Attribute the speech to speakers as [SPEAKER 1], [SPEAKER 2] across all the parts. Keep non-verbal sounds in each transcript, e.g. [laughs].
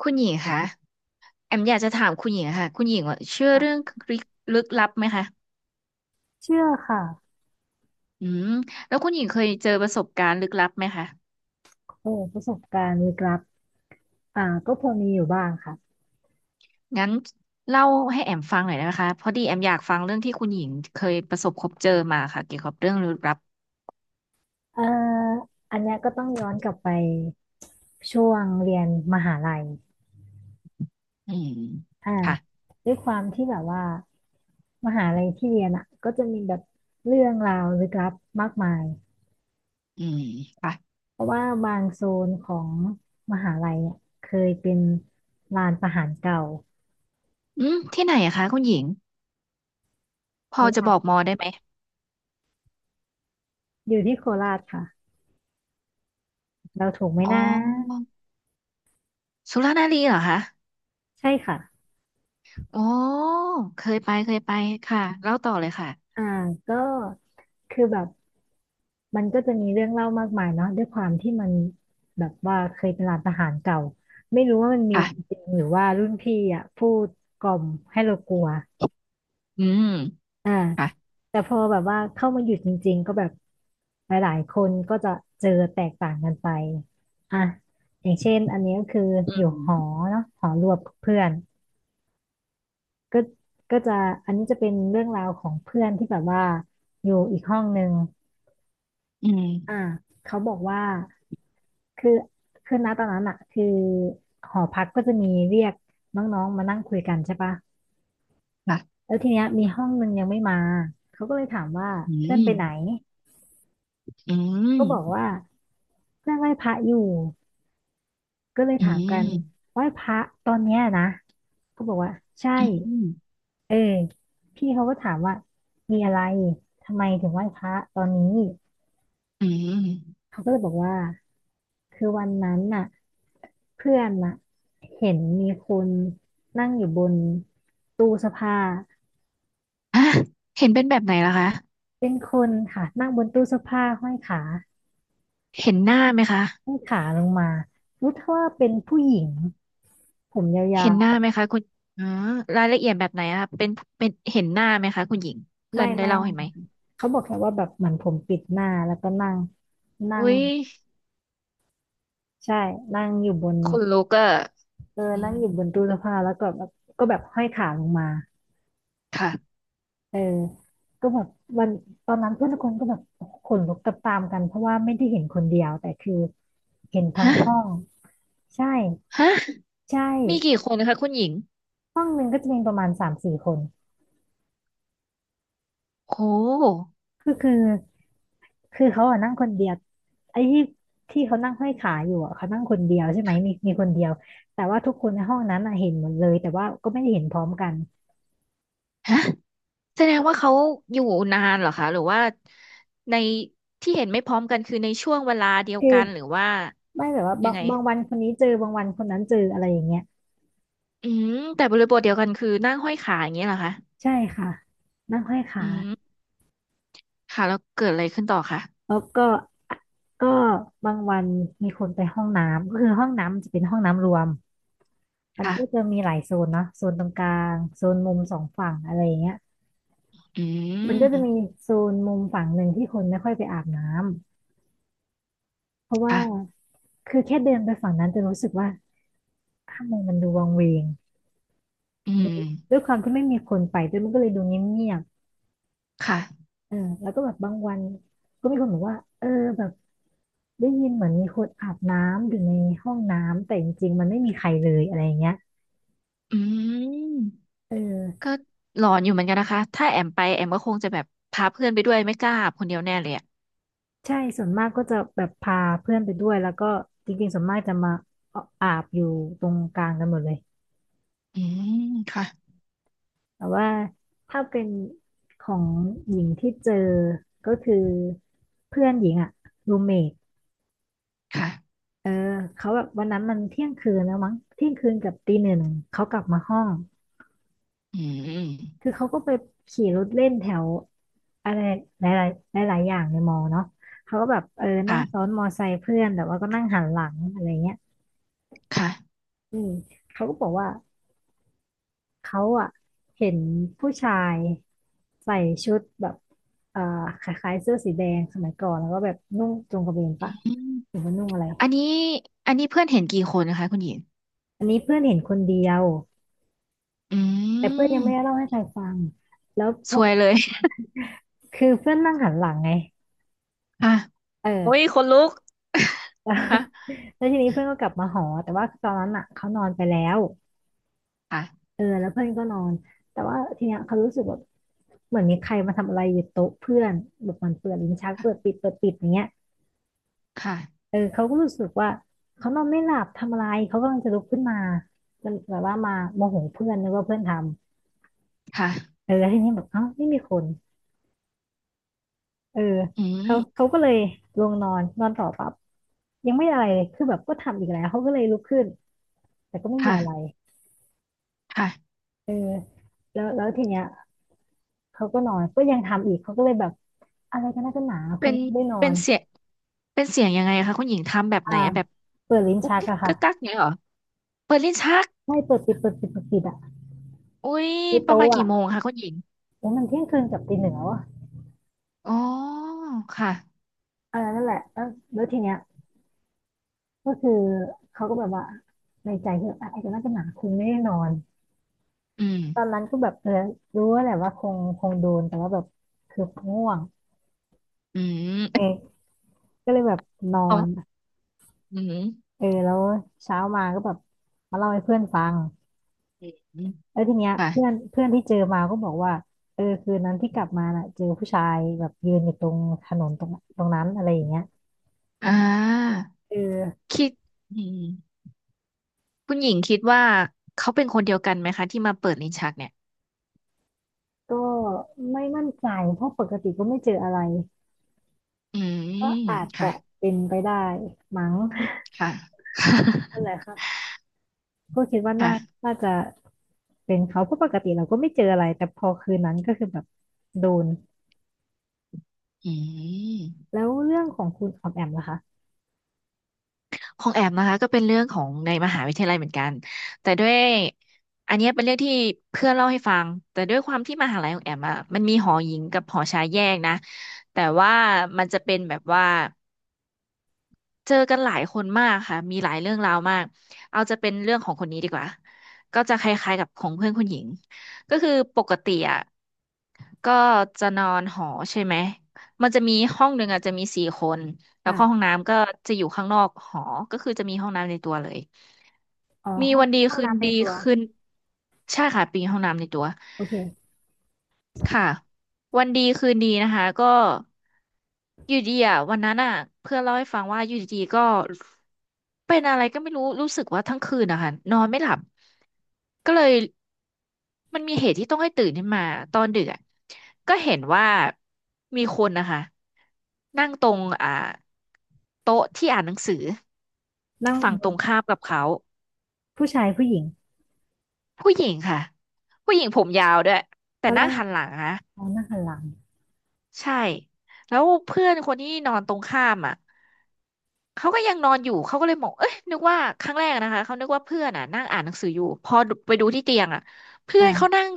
[SPEAKER 1] คุณหญิงคะ แอมอยากจะถามคุณหญิงค่ะคุณหญิงว่าเชื่อเรื่องลึกลึกลับไหมคะ
[SPEAKER 2] เชื่อค่ะ
[SPEAKER 1] อืมแล้วคุณหญิงเคยเจอประสบการณ์ลึกลับไหมคะ
[SPEAKER 2] โอ้ประสบการณ์ลึกลับก็พอมีอยู่บ้างค่ะ
[SPEAKER 1] งั้นเล่าให้แอมฟังหน่อยได้ไหมคะพอดีแอมอยากฟังเรื่องที่คุณหญิงเคยประสบพบเจอมาค่ะเกี่ยวกับเรื่องลึกลับ
[SPEAKER 2] เอ่ออันเนี้ยก็ต้องย้อนกลับไปช่วงเรียนมหาลัย
[SPEAKER 1] อืม
[SPEAKER 2] อ่า
[SPEAKER 1] ค่ะ
[SPEAKER 2] ด้วยความที่แบบว่ามหาลัยที่เรียนอ่ะก็จะมีแบบเรื่องราวลึกลับมากมาย
[SPEAKER 1] อืมค่ะ
[SPEAKER 2] เพราะว่าบางโซนของมหาลัยเนี่ยเคยเป็นลานประหารเก่า
[SPEAKER 1] อืมที่ไหนอะคะคุณหญิงพ
[SPEAKER 2] โค
[SPEAKER 1] อจะ
[SPEAKER 2] รา
[SPEAKER 1] บอก
[SPEAKER 2] ช
[SPEAKER 1] มอได้ไหม
[SPEAKER 2] อยู่ที่โคราชค่ะเราถูกไหม
[SPEAKER 1] อ๋อ
[SPEAKER 2] นะ
[SPEAKER 1] สุรานารีเหรอคะ
[SPEAKER 2] ใช่ค่ะ
[SPEAKER 1] อ๋อเคยไปเคยไปค่ะเล่าต่อเลยค่ะ
[SPEAKER 2] อ่าก็คือแบบ มันก็จะมีเรื่องเล่ามากมายเนาะด้วยความที่มันแบบว่าเคยเป็นร้านทหารเก่าไม่รู้ว่ามันมีจ
[SPEAKER 1] ค่ะ
[SPEAKER 2] ริงหรือว่ารุ่นพี่อ่ะพูดกล่อมให้เรากลัว
[SPEAKER 1] อืม
[SPEAKER 2] อ่า
[SPEAKER 1] ค่ะ
[SPEAKER 2] แต่พอแบบว่าเข้ามาอยู่จริงๆก็แบบหลายๆคนก็จะเจอแตกต่างกันไปอ่ะอย่างเช่นอันนี้ก็คือ
[SPEAKER 1] อื
[SPEAKER 2] อยู่ห
[SPEAKER 1] ม
[SPEAKER 2] อเนาะหอรวมกับเพื่อนก็ก็จะอันนี้จะเป็นเรื่องราวของเพื่อนที่แบบว่าอยู่อีกห้องหนึ่ง
[SPEAKER 1] อืม
[SPEAKER 2] อ่าเขาบอกว่า คือคือณตอนนั้นอะคือหอพักก็จะมีเรียกน้องๆมานั่งคุยกันใช่ปะ
[SPEAKER 1] ค่ะ
[SPEAKER 2] แล้วทีเนี้ยมีห้องนึงยังไม่มาเขาก็เลยถามว่า
[SPEAKER 1] อื
[SPEAKER 2] เพื่อนไปไหน
[SPEAKER 1] มอื
[SPEAKER 2] ก็บอกว่า
[SPEAKER 1] ม
[SPEAKER 2] เพื่อนไหว้พระอยู่ก็เลย
[SPEAKER 1] อื
[SPEAKER 2] ถามกัน
[SPEAKER 1] ม
[SPEAKER 2] ไหว้พระตอนเนี้ยนะก็บอกว่าใช่
[SPEAKER 1] อืม
[SPEAKER 2] เออพี่เขาก็ถามว่ามีอะไรทำไมถึงไหว้พระตอนนี้
[SPEAKER 1] อืม
[SPEAKER 2] เขาก็เลยบอกว่าคือวันนั้นน่ะเพื่อนน่ะเห็นมีคนนั่งอยู่บนตู้เสื้อผ้า
[SPEAKER 1] อ่ะเห็นเป็นแบบไหนล่ะคะ
[SPEAKER 2] เป็นคนค่ะนั่งบนตู้เสื้อผ้าห้อยขา
[SPEAKER 1] เห็นหน้าไหมคะ
[SPEAKER 2] ห้อยขาลงมารู้เท่าว่าเป็นผู้หญิงผมยา
[SPEAKER 1] เห็นหน้า
[SPEAKER 2] ว
[SPEAKER 1] ไหมคะคุณอ๋อรายละเอียดแบบไหนอะคะเป็นเห็นหน้าไหมคะคุณหญิง
[SPEAKER 2] ๆ
[SPEAKER 1] เพื่อ
[SPEAKER 2] ไม่
[SPEAKER 1] นได้
[SPEAKER 2] ไม่
[SPEAKER 1] เล่า
[SPEAKER 2] ไม่
[SPEAKER 1] เห็นไหม
[SPEAKER 2] ค่ะเขาบอกแค่ว่าแบบเหมือนผมปิดหน้าแล้วก็นั่งนั่ง
[SPEAKER 1] อุ้ย
[SPEAKER 2] ใช่นั่งอยู่บน
[SPEAKER 1] คนลูกอะ
[SPEAKER 2] เออ
[SPEAKER 1] อื
[SPEAKER 2] นั่ง
[SPEAKER 1] ม
[SPEAKER 2] อยู่บนตู้เสื้อผ้าแล้วก็แบบก็แบบห้อยขาลงมา
[SPEAKER 1] ค่ะ
[SPEAKER 2] เออก็แบบวันตอนนั้นเพื่อนทุกคนก็แบบขนลุกตามๆกันเพราะว่าไม่ได้เห็นคนเดียวแต่คือเห็นทั้ง
[SPEAKER 1] ฮะ
[SPEAKER 2] ห้องใช่
[SPEAKER 1] ฮะ
[SPEAKER 2] ใช่
[SPEAKER 1] มีกี่คนนะคะคุณหญิง
[SPEAKER 2] ห้องหนึ่งก็จะมีประมาณสามสี่คน
[SPEAKER 1] โอ้
[SPEAKER 2] ก็คือคือเขาอะนั่งคนเดียวไอ้ที่ที่เขานั่งห้อยขาอยู่อะเขานั่งคนเดียวใช่ไหมมีคนเดียวแต่ว่าทุกคนในห้องนั้นอะเห็นหมดเลยแต่ว่าก็ไม่ได้เห็นพร้อมกัน
[SPEAKER 1] แสดงว่าเขาอยู่นานเหรอคะหรือว่าในที่เห็นไม่พร้อมกันคือในช่วงเวลาเดียว
[SPEAKER 2] คือ
[SPEAKER 1] กันหรือว่า
[SPEAKER 2] ไม่แบบว่า
[SPEAKER 1] ยั
[SPEAKER 2] บาง
[SPEAKER 1] งไง
[SPEAKER 2] บางวันคนนี้เจอบางวันคนนั้นเจออะไรอย่างเงี้ย
[SPEAKER 1] อืมแต่บริบทเดียวกันคือนั่งห้อยขาอย่างเงี้ยเหรอคะ
[SPEAKER 2] ใช่ค่ะนั่งห้อยขา
[SPEAKER 1] อืมค่ะแล้วเกิดอะไรขึ้นต่อคะ
[SPEAKER 2] แล้วก็ก็บางวันมีคนไปห้องน้ำก็คือห้องน้ำมันจะเป็นห้องน้ำรวมมัน
[SPEAKER 1] ค่ะ
[SPEAKER 2] ก็จะมีหลายโซนเนาะโซนตรงกลางโซนมุมสองฝั่งอะไรอย่างเงี้ย
[SPEAKER 1] อื
[SPEAKER 2] มันก็จะมี
[SPEAKER 1] ม
[SPEAKER 2] โซนมุมฝั่งหนึ่งที่คนไม่ค่อยไปอาบน้ำเพราะว่า
[SPEAKER 1] ค่ะ
[SPEAKER 2] คือแค่เดินไปฝั่งนั้นจะรู้สึกว่าทำไมมันดูวังเวง
[SPEAKER 1] อื
[SPEAKER 2] ดู
[SPEAKER 1] ม
[SPEAKER 2] ด้วยความที่ไม่มีคนไปด้วยมันก็เลยดูเงียบ
[SPEAKER 1] ค่ะ
[SPEAKER 2] ๆเออแล้วก็แบบบางวันก็มีคนบอกว่าเออแบบได้ยินเหมือนมีคนอาบน้ำอยู่ในห้องน้ำแต่จริงๆมันไม่มีใครเลยอะไรอย่างเงี้ย
[SPEAKER 1] อืม
[SPEAKER 2] เออ
[SPEAKER 1] ก็หลอนอยู่เหมือนกันนะคะถ้าแอมไปแอมก็คงจะแบบพาเพื่อนไปด้วยไม่กล้าคนเดียวแน่เลยอ่ะ
[SPEAKER 2] ใช่ส่วนมากก็จะแบบพาเพื่อนไปด้วยแล้วก็จริงๆส่วนมากจะมาอาบอยู่ตรงกลางกันหมดเลย
[SPEAKER 1] อืมค่ะ
[SPEAKER 2] แต่ว่าถ้าเป็นของหญิงที่เจอก็คือเพื่อนหญิงอะรูเมท
[SPEAKER 1] ค่ะ
[SPEAKER 2] เออเขาแบบวันนั้นมันเที่ยงคืนแล้วมั้งเที่ยงคืนกับตีหนึ่งเขากลับมาห้อง
[SPEAKER 1] อืม
[SPEAKER 2] คือเขาก็ไปขี่รถเล่นแถวอะไรหลายๆหลายๆอย่างในมอเนาะเขาก็แบบเออนั่งซ้อ
[SPEAKER 1] ค่ะ
[SPEAKER 2] นมอไซค์เพื่อนแต่ว่าก็นั่งหันหลังอะไรเงี้ย
[SPEAKER 1] ค่ะ
[SPEAKER 2] อืมเขาก็บอกว่า เขาอะเห็นผู้ชายใส่ชุดแบบเอ่อคล้ายๆเสื้อสีแดงสมัยก่อนแล้วก็แบบนุ่งจงกระเบนปะหรือว่านุ่งอะไร
[SPEAKER 1] อันนี้อันนี้เพื่อนเห็นกี่คนนะคะคุณหญิง
[SPEAKER 2] อันนี้เพื่อนเห็นคนเดียว
[SPEAKER 1] อื
[SPEAKER 2] แต่เพื่อนยั
[SPEAKER 1] ม
[SPEAKER 2] งไม่ได้เล่าให้ใครฟังแล้วพ
[SPEAKER 1] ซ
[SPEAKER 2] อ
[SPEAKER 1] วยเลย
[SPEAKER 2] คือเพื่อนนั่งหันหลังไง
[SPEAKER 1] ค่ะ
[SPEAKER 2] เอ
[SPEAKER 1] [laughs] โอ้ย
[SPEAKER 2] อ
[SPEAKER 1] คนลุก [laughs] ค่ะ
[SPEAKER 2] [laughs] แล้วแล้วทีนี้เพื่อนก็กลับมาหอแต่ว่าตอนนั้นอะเขานอนไปแล้ว
[SPEAKER 1] ค่ะ
[SPEAKER 2] เออแล้วเพื่อนก็นอนแต่ว่าทีเนี้ยเขารู้สึกแบบเหมือนมีใครมาทำอะไรอยู่โต๊ะเพื่อนแบบมันเปิดลิ้นชักเปิดปิดเปิดปิดอย่างเงี้ย
[SPEAKER 1] ค่ะ
[SPEAKER 2] เออเขาก็รู้สึกว่าเขานอนไม่หลับทำอะไรเขากำลังจะลุกขึ้นมาจนแบบว่ามาโมโหเพื่อนนึกว่าเพื่อนทำ
[SPEAKER 1] ค่ะ
[SPEAKER 2] เออแล้วทีนี้แบบเอ้าไม่มีคนเออ
[SPEAKER 1] อื
[SPEAKER 2] เขา
[SPEAKER 1] ม
[SPEAKER 2] ก็เลยลงนอนนอนต่อปั๊บยังไม่อะไรเลยคือแบบก็ทำอีกแล้วเขาก็เลยลุกขึ้นแต่ก็ไม่มีอะไร
[SPEAKER 1] ค่ะค่ะ
[SPEAKER 2] เออแล้วแล้วทีเนี้ยเขาก็นอนก็ยังทำอีกเขาก็เลยแบบอะไรกันนะกันหนาค
[SPEAKER 1] เป็
[SPEAKER 2] น
[SPEAKER 1] น
[SPEAKER 2] ไม่นอ
[SPEAKER 1] เป็น
[SPEAKER 2] น
[SPEAKER 1] เสียงเป็นเสียงยังไงคะคุณหญิงทำแบบ
[SPEAKER 2] อ่า
[SPEAKER 1] ไหนอะแบบ
[SPEAKER 2] เปิดลิ้น
[SPEAKER 1] กุ๊ก
[SPEAKER 2] ชัก
[SPEAKER 1] กิ๊ก
[SPEAKER 2] อะค่ะ
[SPEAKER 1] กักกักเงี้ยเหรอเปิดลิ้นชัก
[SPEAKER 2] ไม่เปิดปิดเปิดปิดเปิดปิดอะ
[SPEAKER 1] อุ้ย
[SPEAKER 2] ใน
[SPEAKER 1] ประมา
[SPEAKER 2] โต๊ะ
[SPEAKER 1] ณกี่
[SPEAKER 2] อะ
[SPEAKER 1] โมงคะคุณหญิง
[SPEAKER 2] โอ้ยมันเที่ยงคืนกับตีหนึ่งแล้วอะ
[SPEAKER 1] อ๋อค่ะ
[SPEAKER 2] เออนั่นแหละแล้วแล้วทีเนี้ย ก็คือเขาก็แบบว่าในใจคืออ่ะไอ้ตัวนั้นจะหนังคงแน่นอน
[SPEAKER 1] อืม
[SPEAKER 2] ตอนนั้นก็แบบเออรู้ว่าแหละว่าคงโดนแต่ว่าแบบคือง่วง
[SPEAKER 1] อื
[SPEAKER 2] เอ
[SPEAKER 1] ม
[SPEAKER 2] อก็เลยแบบนอ
[SPEAKER 1] อ๋อ
[SPEAKER 2] น
[SPEAKER 1] อืม
[SPEAKER 2] เออแล้วเช้ามาก็แบบมาเล่าให้เพื่อนฟัง
[SPEAKER 1] อืม
[SPEAKER 2] แล้วทีเนี้ยเพื่อน
[SPEAKER 1] ค่ะ
[SPEAKER 2] เพื่อนที่เจอมาก็บอกว่าเออคืนนั้นที่กลับมาน่ะเจอผู้ชายแบบยืนอยู่ตรงถนนตรงนั้นอะไรอย่างเงี้ย
[SPEAKER 1] อ่า
[SPEAKER 2] เออ
[SPEAKER 1] คิดอืม คุณหญิงคิดว่าเขาเป็นคนเดียวกันไหมคะที่มาเปิดลิ้นชักเนี่ย
[SPEAKER 2] ก็ไม่มั่นใจเพราะปกติก็ไม่เจออะไร
[SPEAKER 1] อืม
[SPEAKER 2] ก็อาจ
[SPEAKER 1] ค่ะ
[SPEAKER 2] จะเป็นไปได้มั้ง
[SPEAKER 1] ค่ะ
[SPEAKER 2] นั่นแหละ
[SPEAKER 1] [laughs]
[SPEAKER 2] ค่ะ ก็คิดว่าน่า
[SPEAKER 1] ค่ะ
[SPEAKER 2] น่าจะเป็นเขาเพราะปกติเราก็ไม่เจออะไรแต่พอคืนนั้นก็คือแบบโดน
[SPEAKER 1] อืม
[SPEAKER 2] แล้วเรื่องของคุณออมแอมล่ะคะ
[SPEAKER 1] ของแอมนะคะก็เป็นเรื่องของในมหาวิทยาลัยเหมือนกัน แต่ด้วยอันเนี้ยเป็นเรื่องที่เพื่อนเล่าให้ฟัง แต่ด้วยความที่มหาลัยของแอมอ่ะมันมีหอหญิงกับหอชายแยกนะแต่ว่ามันจะเป็นแบบว่าเจอกันหลายคนมากค่ะมีหลายเรื่องราวมากเอาจะเป็นเรื่องของคนนี้ดีกว่าก็จะคล้ายๆกับของเพื่อนคุณหญิงก็คือปกติอ่ะ ก็จะนอนหอใช่ไหม มันจะมีห้องหนึ่งอ่ะจะมีสี่คน แล้ว
[SPEAKER 2] อ่ะ
[SPEAKER 1] ก็ห้องน้ำก็จะอยู่ข้างนอกหอ ก็คือจะมีห้องน้ำในตัวเลย
[SPEAKER 2] อ๋อ
[SPEAKER 1] มี
[SPEAKER 2] ห้อง
[SPEAKER 1] วันดี
[SPEAKER 2] ห้อง
[SPEAKER 1] คืน
[SPEAKER 2] น้ำใน
[SPEAKER 1] ดี
[SPEAKER 2] ตัว
[SPEAKER 1] คืนใช่ค่ะ ปีห้องน้ำในตัว
[SPEAKER 2] โอเค
[SPEAKER 1] ค่ะวันดีคืนดีนะคะก็อยู่ดีอ่ะวันนั้นอ่ะเพื่อนเล่าให้ฟังว่าอยู่ดีๆก็เป็นอะไรก็ไม่รู้รู้สึกว่าทั้งคืนนะคะนอนไม่หลับก็เลยมันมีเหตุที่ต้องให้ตื่นขึ้นมาตอนดึกอ่ะก็เห็นว่ามีคนนะคะนั่งตรงอ่าโต๊ะที่อ่านหนังสือ
[SPEAKER 2] นั่ง
[SPEAKER 1] ฝั่ง
[SPEAKER 2] บ
[SPEAKER 1] ตร
[SPEAKER 2] น
[SPEAKER 1] งข้ามกับเขา
[SPEAKER 2] ผู้ชายผู้หญิง
[SPEAKER 1] ผู้หญิงค่ะผู้หญิงผมยาวด้วยแต่
[SPEAKER 2] เขา
[SPEAKER 1] นั่
[SPEAKER 2] นั่
[SPEAKER 1] ง
[SPEAKER 2] ง
[SPEAKER 1] หันหลังนะ
[SPEAKER 2] เขานั่งหันหลัง
[SPEAKER 1] ใช่แล้วเพื่อนคนที่นอนตรงข้ามอ่ะเขาก็ยังนอนอยู่เขาก็เลยมองเอ้ยนึกว่าครั้งแรกนะคะเขานึกว่าเพื่อนอ่ะนั่งอ่านหนังสืออยู่พอไปดูที่เตียงอ่ะเพื่อนเขา
[SPEAKER 2] อ่ะ
[SPEAKER 1] นั่ง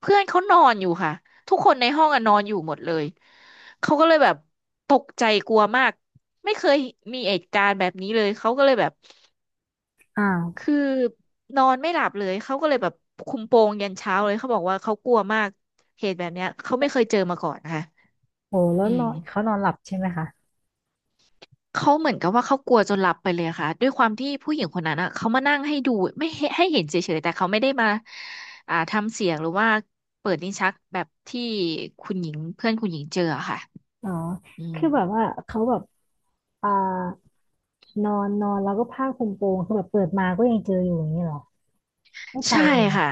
[SPEAKER 1] เพื่อนเขานอนอยู่ค่ะทุกคนในห้องอ่ะนอนอยู่หมดเลยเขาก็เลยแบบตกใจกลัวมากไม่เคยมีเหตุการณ์แบบนี้เลยเขาก็เลยแบบ
[SPEAKER 2] อ้าว
[SPEAKER 1] คือนอนไม่หลับเลยเขาก็เลยแบบคุมโปงยันเช้าเลยเขาบอกว่าเขากลัวมากเหตุแบบเนี้ยเขาไม่เคยเจอมาก่อนนะคะ
[SPEAKER 2] โอ้แล้ว
[SPEAKER 1] อื
[SPEAKER 2] นอ
[SPEAKER 1] ม
[SPEAKER 2] นเขานอนหลับใช่ไหมคะ
[SPEAKER 1] เขาเหมือนกับว่าเขากลัวจนหลับไปเลยอะค่ะด้วยความที่ผู้หญิงคนนั้นอ่ะเขามานั่งให้ดูไม่ให้ให้เห็นเฉยๆแต่เขาไม่ได้มาอ่าทำเสียงหรือว่าเปิดลิ้นชักแบบที่คุณหญิงเพื่อนคุณหญิงเจออะค่ะ
[SPEAKER 2] อ๋อ
[SPEAKER 1] อืม
[SPEAKER 2] คือแบบว่าเขาแบบอ่านอนนอนแล้วก็ผ้าคลุมโปงคือแบบเปิดมาก็ยังเจออยู่อย่างนี้เหรอไม่ไป
[SPEAKER 1] ใช่
[SPEAKER 2] เลยเหรอ
[SPEAKER 1] ค่ะ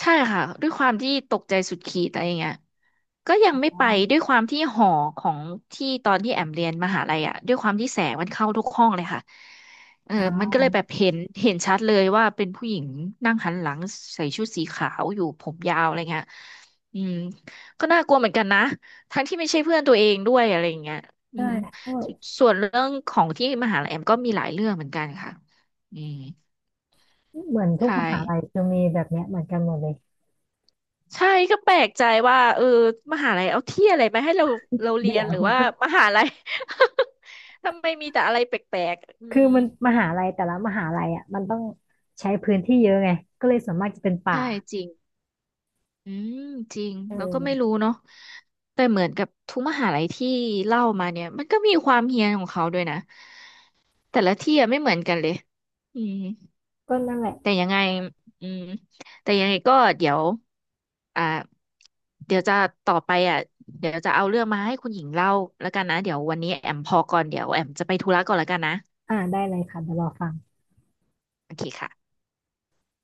[SPEAKER 1] ใช่ค่ะด้วยความที่ตกใจสุดขีดอะไรอย่างเงี้ยก็ยังไม่ไปด้วยความที่หอของที่ตอนที่แอมเรียนมหาลัยอ่ะด้วยความที่แสงมันเข้าทุกห้องเลยค่ะเออมันก็เลยแบบเห็นเห็นชัดเลยว่าเป็นผู้หญิงนั่งหันหลังใส่ชุดสีขาวอยู่ผมยาวอะไรเงี้ยอืมก็น่ากลัวเหมือนกันนะทั้งที่ไม่ใช่เพื่อนตัวเองด้วยอะไรอย่างเงี้ยอื
[SPEAKER 2] ใช่
[SPEAKER 1] ม
[SPEAKER 2] เพราะ
[SPEAKER 1] ส่วนเรื่องของที่มหาลัยแอมก็มีหลายเรื่องเหมือนกันค่ะอืม
[SPEAKER 2] เหมือนทุก
[SPEAKER 1] ใช่
[SPEAKER 2] มหาลัยจะมีแบบเนี้ยเหมือนกันหมดเลย
[SPEAKER 1] ใช่ก็แปลกใจว่าเออมหาลัยเอาที่อะไรมาให้เราเราเรี
[SPEAKER 2] เดี๋
[SPEAKER 1] ยน
[SPEAKER 2] ย
[SPEAKER 1] ห
[SPEAKER 2] ว
[SPEAKER 1] รือว่ามหาลัย [laughs] ทำไมมีแต่อะไรแปลกๆอื
[SPEAKER 2] [laughs] คือ
[SPEAKER 1] ม
[SPEAKER 2] มันมหาลัยแต่ละมหาลัยอ่ะมันต้องใช้พื้นที่เยอะไงก็เลยส่วนมากจะเป็นป่า
[SPEAKER 1] ใช่จริงอืมจริง
[SPEAKER 2] เ
[SPEAKER 1] แล้วก็ไม่
[SPEAKER 2] ออ
[SPEAKER 1] รู้เนาะแต่เหมือนกับทุกมหาลัยที่เล่ามาเนี่ยมันก็มีความเฮี้ยนของเขาด้วยนะแต่ละที่อะไม่เหมือนกันเลยอืม
[SPEAKER 2] ก็นั่นแหละ
[SPEAKER 1] แต่ยังไงอืมแต่ยังไงก็เดี๋ยวอ่าเดี๋ยวจะต่อไปอ่ะเดี๋ยวจะเอาเรื่องมาให้คุณหญิงเล่าแล้วกันนะ เดี๋ยววันนี้แอมพอก่อนเดี๋ยวแอมจะไปธุระก่อนแล้วกันนะ
[SPEAKER 2] ได้เลยค่ะเดี๋ยวรอฟัง
[SPEAKER 1] โอเคค่ะ